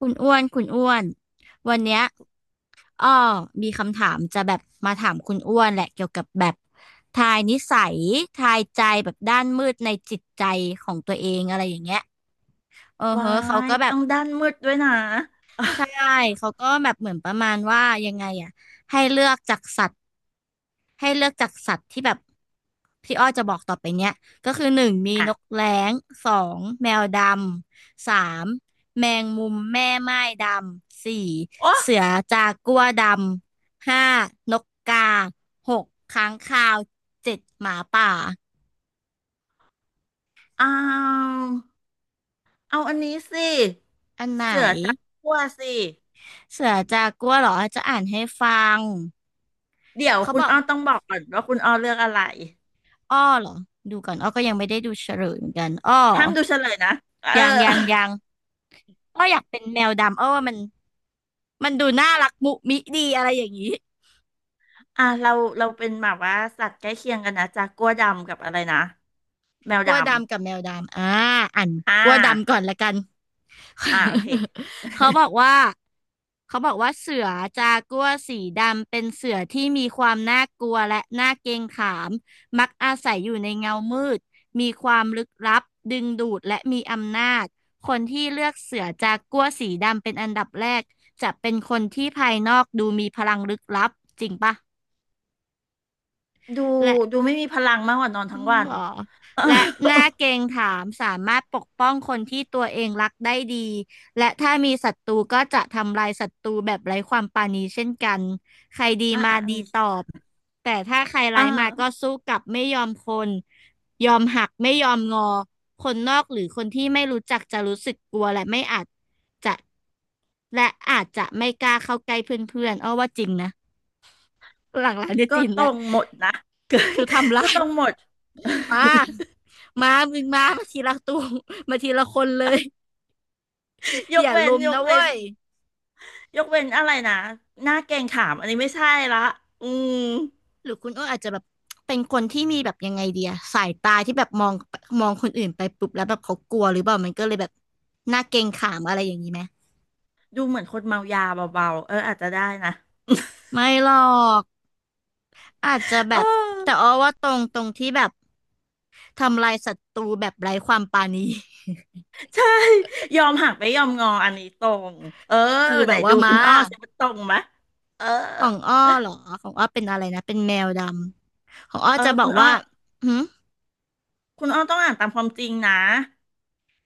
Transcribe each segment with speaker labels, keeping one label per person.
Speaker 1: คุณอ้วน คุณอ้วน วันเนี้ยอ้อมีคำถามจะแบบมาถามคุณอ้วนแหละ เกี่ยวกับแบบทายนิสัยทายใจแบบด้านมืดในจิตใจของตัวเองอะไรอย่างเงี้ยเออเฮ้
Speaker 2: วา
Speaker 1: อเขา
Speaker 2: ย
Speaker 1: ก็แบบ
Speaker 2: ต้องด้านมืดด้วยนะ
Speaker 1: ใช่ เขาก็แบบเหมือนประมาณว่า ยังไงอะให้เลือกจากสัตว์ ให้เลือกจากสัตว์ที่แบบพี่อ้อจะบอกต่อไปเนี้ยก็คือหนึ่งมี
Speaker 2: อ่ะ
Speaker 1: นกแร้งสองแมวดำสามแมงมุมแม่ไม่ดำสี่
Speaker 2: โอ้
Speaker 1: เสือจากัวดำห้านกกาหกค้างคาวเจ็ดหมาป่า
Speaker 2: เอาเอาอันนี้สิ
Speaker 1: อันไหน
Speaker 2: เสือจับขั้วสิ
Speaker 1: เสือจากัวเหรอจะอ่านให้ฟัง
Speaker 2: เดี๋ยว
Speaker 1: เขา
Speaker 2: คุ
Speaker 1: บ
Speaker 2: ณ
Speaker 1: อก
Speaker 2: อ้อต้องบอกก่อนว่าคุณอ้อเลือกอะไร
Speaker 1: อ้อเหรอดูก่อนอ้อก็ยังไม่ได้ดูเฉลยเหมือนกันอ้อ
Speaker 2: ห้ามดูเฉลยนะเออ
Speaker 1: ยังก็อยากเป็นแมวดำเออว่ามันดูน่ารักมุมิดีอะไรอย่างนี้
Speaker 2: อ่ะเราเป็นแบบว่าสัตว์ใกล้เคียงกันนะจากกัวดำกับอะไรนะ แมว
Speaker 1: กลั
Speaker 2: ด
Speaker 1: วดำกับแมวดำอ่าอัน
Speaker 2: ำอ่า
Speaker 1: กลัวดำก่อนละกัน
Speaker 2: อ่าโอเค
Speaker 1: เขาบอกว่าเสือจากัวร์สีดำเป็นเสือที่มีความน่ากลัวและน่าเกรงขามมักอาศัยอยู่ในเงามืดมีความลึกลับดึงดูดและมีอำนาจคนที่เลือกเสือจากัวร์สีดำเป็นอันดับแรกจะเป็นคนที่ภายนอกดูมีพลังลึกลับจริงปะ
Speaker 2: ดูดู
Speaker 1: และ
Speaker 2: ไม่มีพลังมากกว่านอน
Speaker 1: อ๋อ
Speaker 2: ทั้งวั
Speaker 1: เหร
Speaker 2: น
Speaker 1: อ
Speaker 2: เออ
Speaker 1: และหน้าเกรงถามสามารถปกป้องคนที่ตัวเองรักได้ดี และถ้ามีศัตรูก็จะทำลายศัตรูแบบไร้ความปราณีเช่นกัน ใครดี
Speaker 2: อ่า
Speaker 1: มา
Speaker 2: อัน
Speaker 1: ดี
Speaker 2: นี้
Speaker 1: ตอบ แต่ถ้าใครร้า
Speaker 2: อ่า
Speaker 1: ยมาก็สู้กลับไม่ยอมคนยอมหักไม่ยอมงอ คนนอกหรือคนที่ไม่รู้จักจะรู้สึกกลัวและไม่อาจจะและอาจจะไม่กล้าเข้าใกล้เพื่อนๆอ้อว่าจริงนะหลังๆเนี่ยจ
Speaker 2: ก็
Speaker 1: ริง
Speaker 2: ต
Speaker 1: แล้ว
Speaker 2: รงหมดนะ
Speaker 1: คือทำลา
Speaker 2: ก็
Speaker 1: ย
Speaker 2: ตรงหมด
Speaker 1: มามามึงมามาทีละตัว มาทีละคนเลย
Speaker 2: ย
Speaker 1: อ
Speaker 2: ก
Speaker 1: ย่า
Speaker 2: เว้น
Speaker 1: ลุม
Speaker 2: ยก
Speaker 1: นะ
Speaker 2: เว้น
Speaker 1: เว้ย
Speaker 2: ยกเว้นอะไรนะหน้าแกงขามอันนี้ไม่ใช่ละอืม
Speaker 1: หรือคุณอ้นอาจจะแบบเป็นคนที่มีแบบยังไงเดียสายตาที่แบบมองมองคนอื่นไปปุ๊บแล้วแบบเขากลัวหรือเปล่ามันก็เลยแบบหน้าเกรงขามอะไรอย่างนี้ไหม
Speaker 2: ดูเหมือนคนเมายาเบาๆอาจจะได้นะ
Speaker 1: ไม่หรอกอาจจะ แบ
Speaker 2: เอ
Speaker 1: บ แต่อ้
Speaker 2: อ
Speaker 1: อว่าตรงที่แบบทำลายศัตรูแบบไร้ความปราณี
Speaker 2: ใช่ยอมหักไม่ยอมงออันนี้ตรงเออ
Speaker 1: คือแบ
Speaker 2: ไหน
Speaker 1: บว่า
Speaker 2: ดู
Speaker 1: มา
Speaker 2: คุณอ้อสิว่าตรงไหมเออ
Speaker 1: ของอ้อเหรอของอ้อเป็นอะไรนะเป็นแมวดำของอ้อ
Speaker 2: เออ
Speaker 1: จะบอ
Speaker 2: คุ
Speaker 1: ก
Speaker 2: ณอ้อ
Speaker 1: ว่าหึ
Speaker 2: คุณอ้อต้องอ่านตามความจริงนะ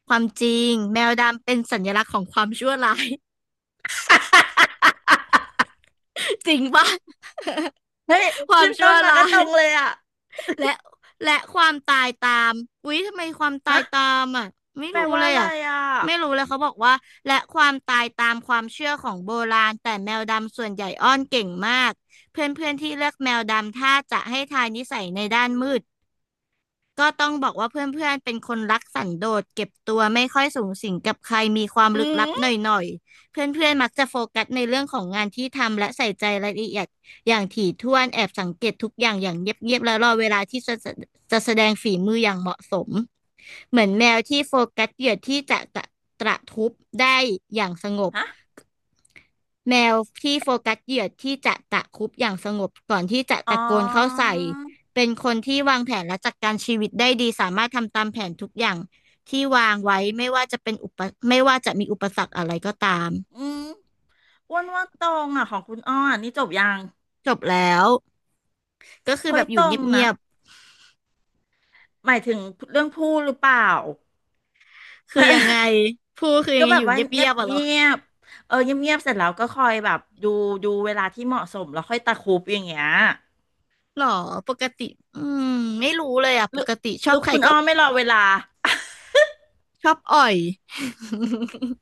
Speaker 1: ความจริงแมวดำเป็นสัญลักษณ์ของความชั่วร้าย จริงป่ะ
Speaker 2: เฮ้ย
Speaker 1: ความ
Speaker 2: ขึ้น
Speaker 1: ชั่
Speaker 2: ต้
Speaker 1: ว
Speaker 2: นมาก็
Speaker 1: ร้า
Speaker 2: ต
Speaker 1: ย
Speaker 2: รงเลยอ่ะ
Speaker 1: และและความตายตามอุ๊ยทำไมความตาย
Speaker 2: ฮะ
Speaker 1: ตามอ่ะไม่
Speaker 2: แปล
Speaker 1: รู้
Speaker 2: ว่า
Speaker 1: เลย
Speaker 2: อะไร
Speaker 1: อ่ะ
Speaker 2: อ่ะ
Speaker 1: ไม่รู้เลยเขาบอกว่าและความตายตามความเชื่อของโบราณแต่แมวดำส่วนใหญ่อ้อนเก่งมากเพื่อนๆที่เลือกแมวดำถ้าจะให้ทายนิสัยในด้านมืด ก็ต้องบอกว่าเพื่อนๆ เป็นคนรักสันโดษเก็บตัวไม่ค่อยสูงสิงกับใครมีความ
Speaker 2: อื
Speaker 1: ลึกลับห
Speaker 2: ม
Speaker 1: น่อยๆ เพื่อนๆมักจะโฟกัสในเรื่องของงานที่ทำและใส่ใจรายละเอียดอย่างถี่ถ้วนแอบสังเกตทุกอย่างอย่างเงียบๆ และรอเวลาที่จะแสดงฝีมืออย่างเหมาะสมเหมือนแมวที่โฟกัสเหยื่อที่จะกระตระทุบได้อย่างสงบ
Speaker 2: ฮะ
Speaker 1: แมวที่โฟกัสเหยื่อที่จะตะครุบอย่างสงบก่อนที่จะ
Speaker 2: อ๋
Speaker 1: ตะโกนเข้า
Speaker 2: อ
Speaker 1: ใส่เป็นคนที่วางแผนและจัดการชีวิตได้ดีสามารถทำตามแผนทุกอย่างที่วางไว้ไม่ว่าจะมีอุปสรรคอะไรก็ตาม
Speaker 2: อืม อ้วนว่าตรงอ่ะของคุณอ้อนนี่จบยัง
Speaker 1: จบแล้วก็คือ
Speaker 2: เฮ้
Speaker 1: แบ
Speaker 2: ย
Speaker 1: บอ
Speaker 2: ต
Speaker 1: ยู่
Speaker 2: ร
Speaker 1: เ
Speaker 2: ง
Speaker 1: งี
Speaker 2: นะ
Speaker 1: ยบ
Speaker 2: หมายถึงเรื่องพูดหรือเปล่า
Speaker 1: ๆคือยังไงผู้คือยั
Speaker 2: ก็
Speaker 1: งไง
Speaker 2: แบ
Speaker 1: อ
Speaker 2: บ
Speaker 1: ยู่
Speaker 2: ว่า
Speaker 1: เงี
Speaker 2: เงีย
Speaker 1: ย
Speaker 2: บ
Speaker 1: บๆอะเหรอ
Speaker 2: เงียบเออเงียบเสร็จแล้วก็คอยแบบดูเวลาที่เหมาะสมแล้วค่อยตะครุบอย่างเงี้ย
Speaker 1: หรอปกติอืมไม่รู้เลยอะ
Speaker 2: ห
Speaker 1: ป
Speaker 2: รือ
Speaker 1: กติช
Speaker 2: ห
Speaker 1: อ
Speaker 2: รื
Speaker 1: บ
Speaker 2: อ
Speaker 1: ใคร
Speaker 2: คุณ
Speaker 1: ก็
Speaker 2: อ้อไม่รอเวลา
Speaker 1: ชอบอ่อย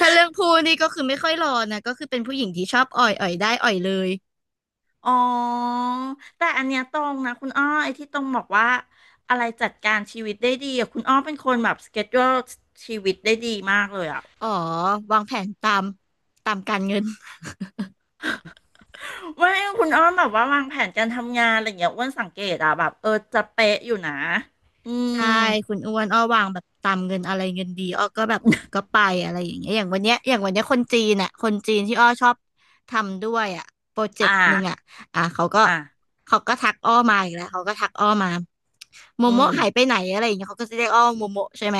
Speaker 1: ถ้าเรื่องพูดนี่ก็คือไม่ค่อยรอนะ ก็คือเป็นผู้หญิงที่ชอบอ่อย อ่อยได้ อ่อยเลย
Speaker 2: อ๋อแต่อันเนี้ยตรงนะคุณอ้อไอ้ที่ตรงบอกว่าอะไรจัดการชีวิตได้ดีอะคุณอ้อเป็นคนแบบสเกจ u l e ชีวิตได้ดีมากเลยอ่ะ
Speaker 1: อ๋อวางแผนตามการเงิน
Speaker 2: ไม่คุณอ้อมแบบว่าวางแผนการทำงานอะไรอย่างเงี้ยอ้วนสังเกตอะแบบเออจะเป๊ะอยู่นะอืม
Speaker 1: ใช่คุณอ้วนอ้อวางแบบตามเงินอะไรเงินดีอ้อก็แบบก็ไปอะไรอย่างเงี้ยอย่างวันเนี้ยคนจีนอ่ะคนจีนที่อ้อชอบทำด้วยอ่ะโปรเจก
Speaker 2: อ่า
Speaker 1: ต์หนึ่งอ่ะอ่ะเขาก็
Speaker 2: อ่า
Speaker 1: เขาก็ทักอ้อมาอีกแล้วเขาก็ทักอ้อมาโม
Speaker 2: อืม
Speaker 1: โมะหายไปไหนอะไรอย่างเงี้ยเขาก็จะเรียกอ้อโมโมะใช่ไหม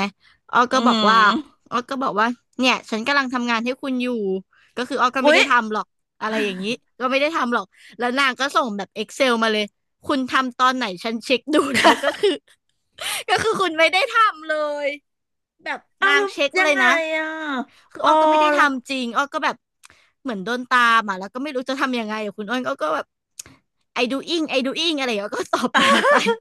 Speaker 1: อ้อ
Speaker 2: อื
Speaker 1: ก็บอกว่า
Speaker 2: ม
Speaker 1: อ้อก็บอกว่าเนี่ยฉันกำลังทำงานให้คุณอยู่ก็คืออ้อก็ไม่
Speaker 2: อุ๊
Speaker 1: ได้
Speaker 2: ย
Speaker 1: ทำหรอกอะไรอย่างงี้ ก็ไม่ได้ทำหรอกแล้วนางก็ส่งแบบ Excel มาเลยคุณทำตอนไหนฉันเช็คดูแล้ว ก็คือ ก็คือคุณไม่ได้ทำเลยแบบ
Speaker 2: เอา
Speaker 1: นาง
Speaker 2: แล้ว
Speaker 1: เช็ค
Speaker 2: ยั
Speaker 1: เล
Speaker 2: ง
Speaker 1: ย
Speaker 2: ไง
Speaker 1: นะ
Speaker 2: อะ
Speaker 1: คือ
Speaker 2: โอ้
Speaker 1: อ้อก็ไม่ได้
Speaker 2: แล้ว
Speaker 1: ทำจริงอ้อก็แบบเหมือนโดนตามอ่ะแล้วก็ไม่รู้จะทำยังไงอะคุณอ้นอ้อก็แบบ I doing I doing อะไรอย่างเงี้ยอ้อก็ตอบนางไป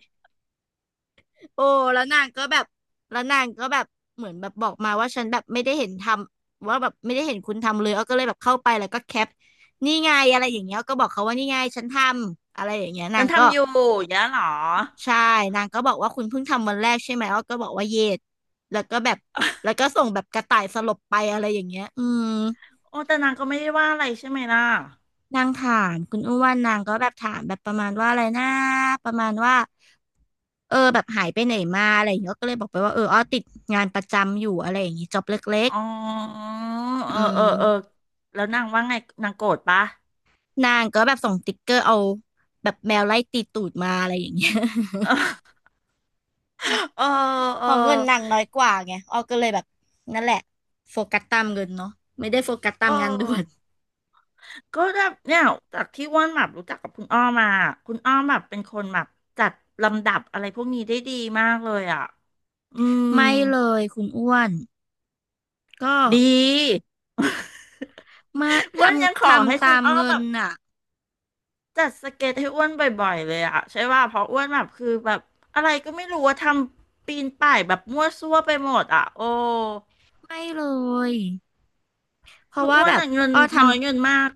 Speaker 1: โอ้แล้วนางก็แบบแล้วนางก็แบบเหมือนแบบบอกมาว่าฉันแบบไม่ได้เห็นทำว่าแบบไม่ได้เห็นคุณทำเลยอ้อก็เลยแบบเข้าไปแล้วก็แคปนี่ไงอะไรอย่างเงี้ยอ้อก็บอกเขาว่านี่ไงฉันทำอะไรอย่างเงี้ยนา
Speaker 2: ฉัน
Speaker 1: งก็
Speaker 2: ทำอยู่อย่างเงี้ยเหรอ
Speaker 1: ใช่นางก็บอกว่าคุณเพิ่งทำวันแรกใช่ไหมอ้อก็บอกว่าเยดแล้วก็แบบแล้วก็ส่งแบบกระต่ายสลบไปอะไรอย่างเงี้ยอืม
Speaker 2: โอ้แต่นางก็ไม่ได้ว่าอะไรใช่ไหมล่ะ
Speaker 1: นางถามคุณอ้วนนางก็แบบถามแบบประมาณว่าอะไรนะประมาณว่าเออแบบหายไปไหนมาอะไรอย่างเงี้ยก็เลยบอกไปว่าเอออ้อติดงานประจำอยู่อะไรอย่างงี้จ็อบเล็ก
Speaker 2: อ๋อ
Speaker 1: ๆ
Speaker 2: เอ
Speaker 1: อื
Speaker 2: อเอ
Speaker 1: ม
Speaker 2: อเออแล้วนางว่าไงนางโกรธปะ
Speaker 1: นางก็แบบส่งติ๊กเกอร์เอาแบบแมวไล่ตีตูดมาอะไรอย่างเงี้ย
Speaker 2: เออเอ
Speaker 1: พ
Speaker 2: อ
Speaker 1: อเงินนางน้อยกว่าไงอ้อก็เลยแบบนั่นแหละโฟกัสตามเงินเนาะไม่ได้โฟกัสตา
Speaker 2: เออ
Speaker 1: มงานด่วน
Speaker 2: ก็แบบเนี่ยจากที่อ้วนแบบรู้จักกับคุณอ้อมาคุณอ้อแบบเป็นคนแบบจัดลำดับอะไรพวกนี้ได้ดีมากเลยอ่ะอืม
Speaker 1: ไม่เลยคุณอ้วนก็
Speaker 2: ดี
Speaker 1: มา ท
Speaker 2: อ้วนยังข
Speaker 1: ำ
Speaker 2: อให้
Speaker 1: ทำ
Speaker 2: คุ
Speaker 1: ตา
Speaker 2: ณ
Speaker 1: ม
Speaker 2: อ้อม
Speaker 1: เงิ
Speaker 2: แบ
Speaker 1: น
Speaker 2: บ
Speaker 1: น่ะ
Speaker 2: จัดสเก็ตให้อ้วนบ่อยๆเลยอะใช่ว่าเพราะอ้วนแบบคือแบบอะไรก็ไม่รู้ว่าทำปีนป่ายแบบมั่วซั่วไปหมดอะโอ้
Speaker 1: ไม่เลยเพ
Speaker 2: คื
Speaker 1: ราะ
Speaker 2: อ
Speaker 1: ว่า
Speaker 2: อ้ว
Speaker 1: แบ
Speaker 2: น
Speaker 1: บ
Speaker 2: อะเงิน
Speaker 1: อ้อท
Speaker 2: น้อยเงินมาก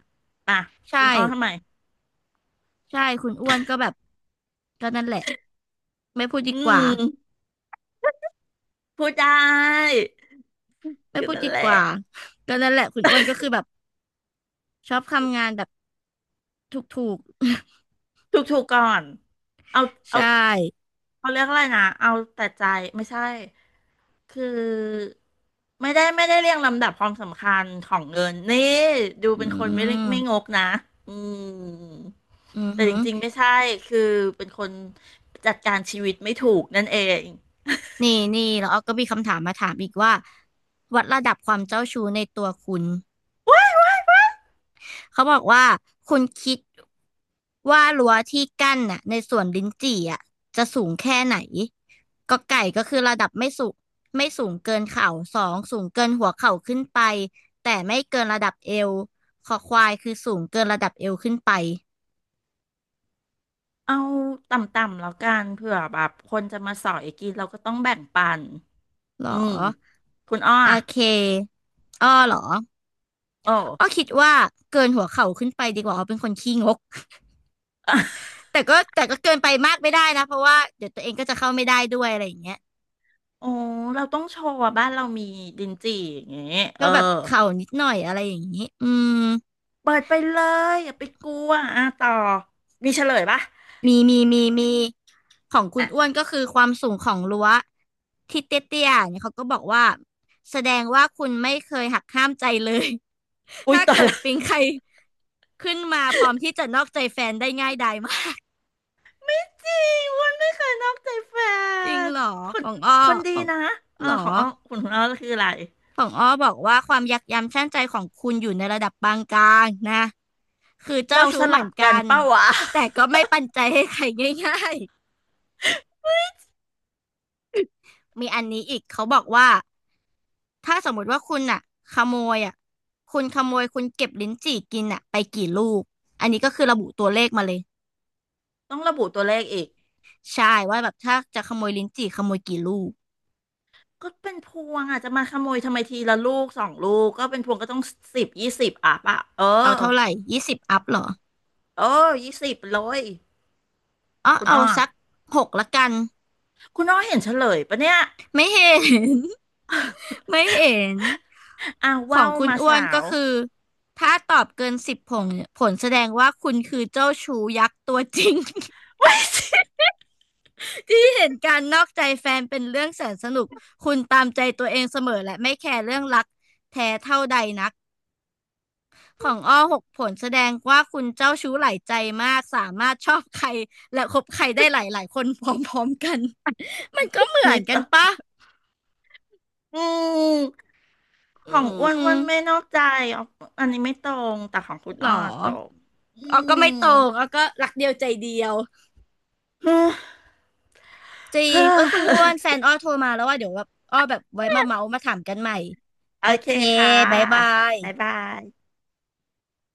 Speaker 2: อะ
Speaker 1: ำ
Speaker 2: คุ
Speaker 1: ใช่
Speaker 2: ณอ้อมทำไม
Speaker 1: ใช่คุณอ้วนก็แบบก็นั่นแหละไม่พูดดี
Speaker 2: อื
Speaker 1: กว่า
Speaker 2: มพูดได้
Speaker 1: ไม่
Speaker 2: ก็
Speaker 1: พูด
Speaker 2: นั่น
Speaker 1: ดี
Speaker 2: แห
Speaker 1: ก
Speaker 2: ละ
Speaker 1: ว่า ก็นั่นแหละคุณอ้วนก็คือแบบชอบทำงานแบบถูก
Speaker 2: ถูกก่อนเอา
Speaker 1: ๆ ใช
Speaker 2: เอา
Speaker 1: ่
Speaker 2: เขาเรียกอะไรนะเอาแต่ใจไม่ใช่ คือไม่ได้เรียงลำดับความสำคัญของเงินนี่ดู
Speaker 1: อื
Speaker 2: เป็นคนไม่ไม่ง
Speaker 1: ม
Speaker 2: กนะ อืม
Speaker 1: อือ
Speaker 2: แต่
Speaker 1: หื
Speaker 2: จ
Speaker 1: อ
Speaker 2: ริงๆไม่ใช่คือเป็นคนจัดการชีวิตไม่ถูกนั่นเอง
Speaker 1: นี่นี่แล้วอ้อก็มีคำถามมาถามอีกว่าวัดระดับความเจ้าชู้ในตัวคุณ เขาบอกว่าคุณคิดว่ารั้วที่กั้นน่ะในสวนลิ้นจี่อ่ะจะสูงแค่ไหนก็ไก่ก็คือระดับไม่สูงไม่สูงเกินเข่าสองสูงเกินหัวเข่าขึ้นไปแต่ไม่เกินระดับเอวคอควายคือสูงเกินระดับเอวขึ้นไป
Speaker 2: เอาต่ำๆแล้วกันเผื่อแบบคนจะมาสอยกินเราก็ต้องแบ่งปัน
Speaker 1: หรอ
Speaker 2: อืมคุณอ้อ
Speaker 1: โอ
Speaker 2: อะ
Speaker 1: เคอ้อหรอ
Speaker 2: โอ้
Speaker 1: อ้อคิดว่าเกินหัวเข่าขึ้นไปดีกว่าอ้อเป็นคนขี้งก แต่ก็เกินไปมากไม่ได้นะเพราะว่าเดี๋ยวตัวเองก็จะเข้าไม่ได้ด้วยอะไรอย่างเงี้ย
Speaker 2: โอ้เราต้องโชว์ว่าบ้านเรามีดินจี่อย่างเงี้ยเอ
Speaker 1: ก็
Speaker 2: อ
Speaker 1: แบบเข่านิดหน่อยอะไรอย่างนี้อืม
Speaker 2: เปิดไปเลยอย่าไปกลัวอ่ะต่อ มีเฉลยปะ
Speaker 1: มีของคุณ
Speaker 2: อ่ะ
Speaker 1: อ้วนก็คือความสูงของรั้วที่เตี้ยๆเนี่ยเขาก็บอกว่าแสดงว่าคุณไม่เคยหักห้ามใจเลย
Speaker 2: อุ้ย
Speaker 1: ถ้า
Speaker 2: ต่อ
Speaker 1: เกิด
Speaker 2: ละ
Speaker 1: ปิงใครขึ้นมาพร้อมที่จะนอกใจแฟนได้ง่ายดายมาก
Speaker 2: จริงมันไม่เคยนอกใจแฟ
Speaker 1: จริง
Speaker 2: น
Speaker 1: เหรอ
Speaker 2: ค
Speaker 1: ข
Speaker 2: น
Speaker 1: องอ้อ
Speaker 2: คน
Speaker 1: ข
Speaker 2: ดี
Speaker 1: อง
Speaker 2: นะ เอ
Speaker 1: เห
Speaker 2: อ
Speaker 1: รอ
Speaker 2: ของอ้อคุณของอ้อคืออะไร
Speaker 1: ของอ้อบอกว่าความยักย้ำชั่งใจของคุณอยู่ในระดับปานกลางนะคือเจ้า
Speaker 2: เราส
Speaker 1: ชู้เหมื
Speaker 2: ลั
Speaker 1: อ
Speaker 2: บ
Speaker 1: น
Speaker 2: กั
Speaker 1: กั
Speaker 2: น
Speaker 1: น
Speaker 2: เป้าวะ
Speaker 1: แต่ก็ไม่ปันใจให้ใครง่าย มีอันนี้อีกเขาบอกว่าถ้าสมมุติว่าคุณอ่ะขโมยอ่ะคุณขโมยคุณเก็บลิ้นจี่กินอ่ะไปกี่ลูกอันนี้ก็คือระบุตัวเลขมาเลย
Speaker 2: ต้องระบุตัวเลขอีก
Speaker 1: ใช่ว่าแบบถ้าจะขโมยลิ้นจี่ขโมยกี่ลูก
Speaker 2: ก็เป็นพวงอ่ะจะมาขโมยทำไมทีละลูกสองลูก ก็เป็นพวงก็ต้อง10ยี่สิบอ่ะปะเออ
Speaker 1: เอาเท่าไหร่20อัพเหรอ
Speaker 2: เออยี่สิบเลย
Speaker 1: อ๋อ
Speaker 2: คุณ
Speaker 1: เอา
Speaker 2: อ้อ
Speaker 1: สักหกละกัน
Speaker 2: คุณอ้อเห็นเฉลยปะเนี่ย
Speaker 1: ไม่เห็น ไม่เห็น
Speaker 2: อ่ะ
Speaker 1: ขอ
Speaker 2: ว่า
Speaker 1: ง
Speaker 2: ว
Speaker 1: คุณ
Speaker 2: มา
Speaker 1: อ้ว
Speaker 2: สา
Speaker 1: นก็
Speaker 2: ว
Speaker 1: คือถ้าตอบเกินสิบผลผลแสดงว่าคุณคือเจ้าชู้ยักษ์ตัวจริง
Speaker 2: ไม่สิ
Speaker 1: ที่เห็นการนอกใจแฟนเป็นเรื่องแสนสนุก คุณตามใจตัวเองเสมอและไม่แคร์เรื่องรักแท้เท่าใดนักของอ้อหกผลแสดงว่าคุณเจ้าชู้หลายใจมากสามารถชอบใครและคบใครได้หลายหลายคนพร้อมๆกัน มันก็เหมือ
Speaker 2: นิ
Speaker 1: น
Speaker 2: ด
Speaker 1: กัน
Speaker 2: อะ
Speaker 1: ปะ
Speaker 2: อืม
Speaker 1: อื
Speaker 2: ของอ้วนอ้ว
Speaker 1: ม
Speaker 2: นไม่นอกใจอ๋ออันนี้ไม่ตรง แต่ของคุณ
Speaker 1: หรอ
Speaker 2: อ้อตรงอื
Speaker 1: อ้อก็ไม่ต
Speaker 2: ม
Speaker 1: รงอ้อก็รักเดียวใจเดียว จริงเอ้ยคุณอ้วนแฟนอ้อโทรมาแล้วว่าเดี๋ยวแบบอ้อแบบไว้มาเมาส์มาถามกันใหม่
Speaker 2: โอ
Speaker 1: โอ
Speaker 2: เค
Speaker 1: เค
Speaker 2: ค่ะ
Speaker 1: บายบา
Speaker 2: บ๊าย
Speaker 1: ย
Speaker 2: บาย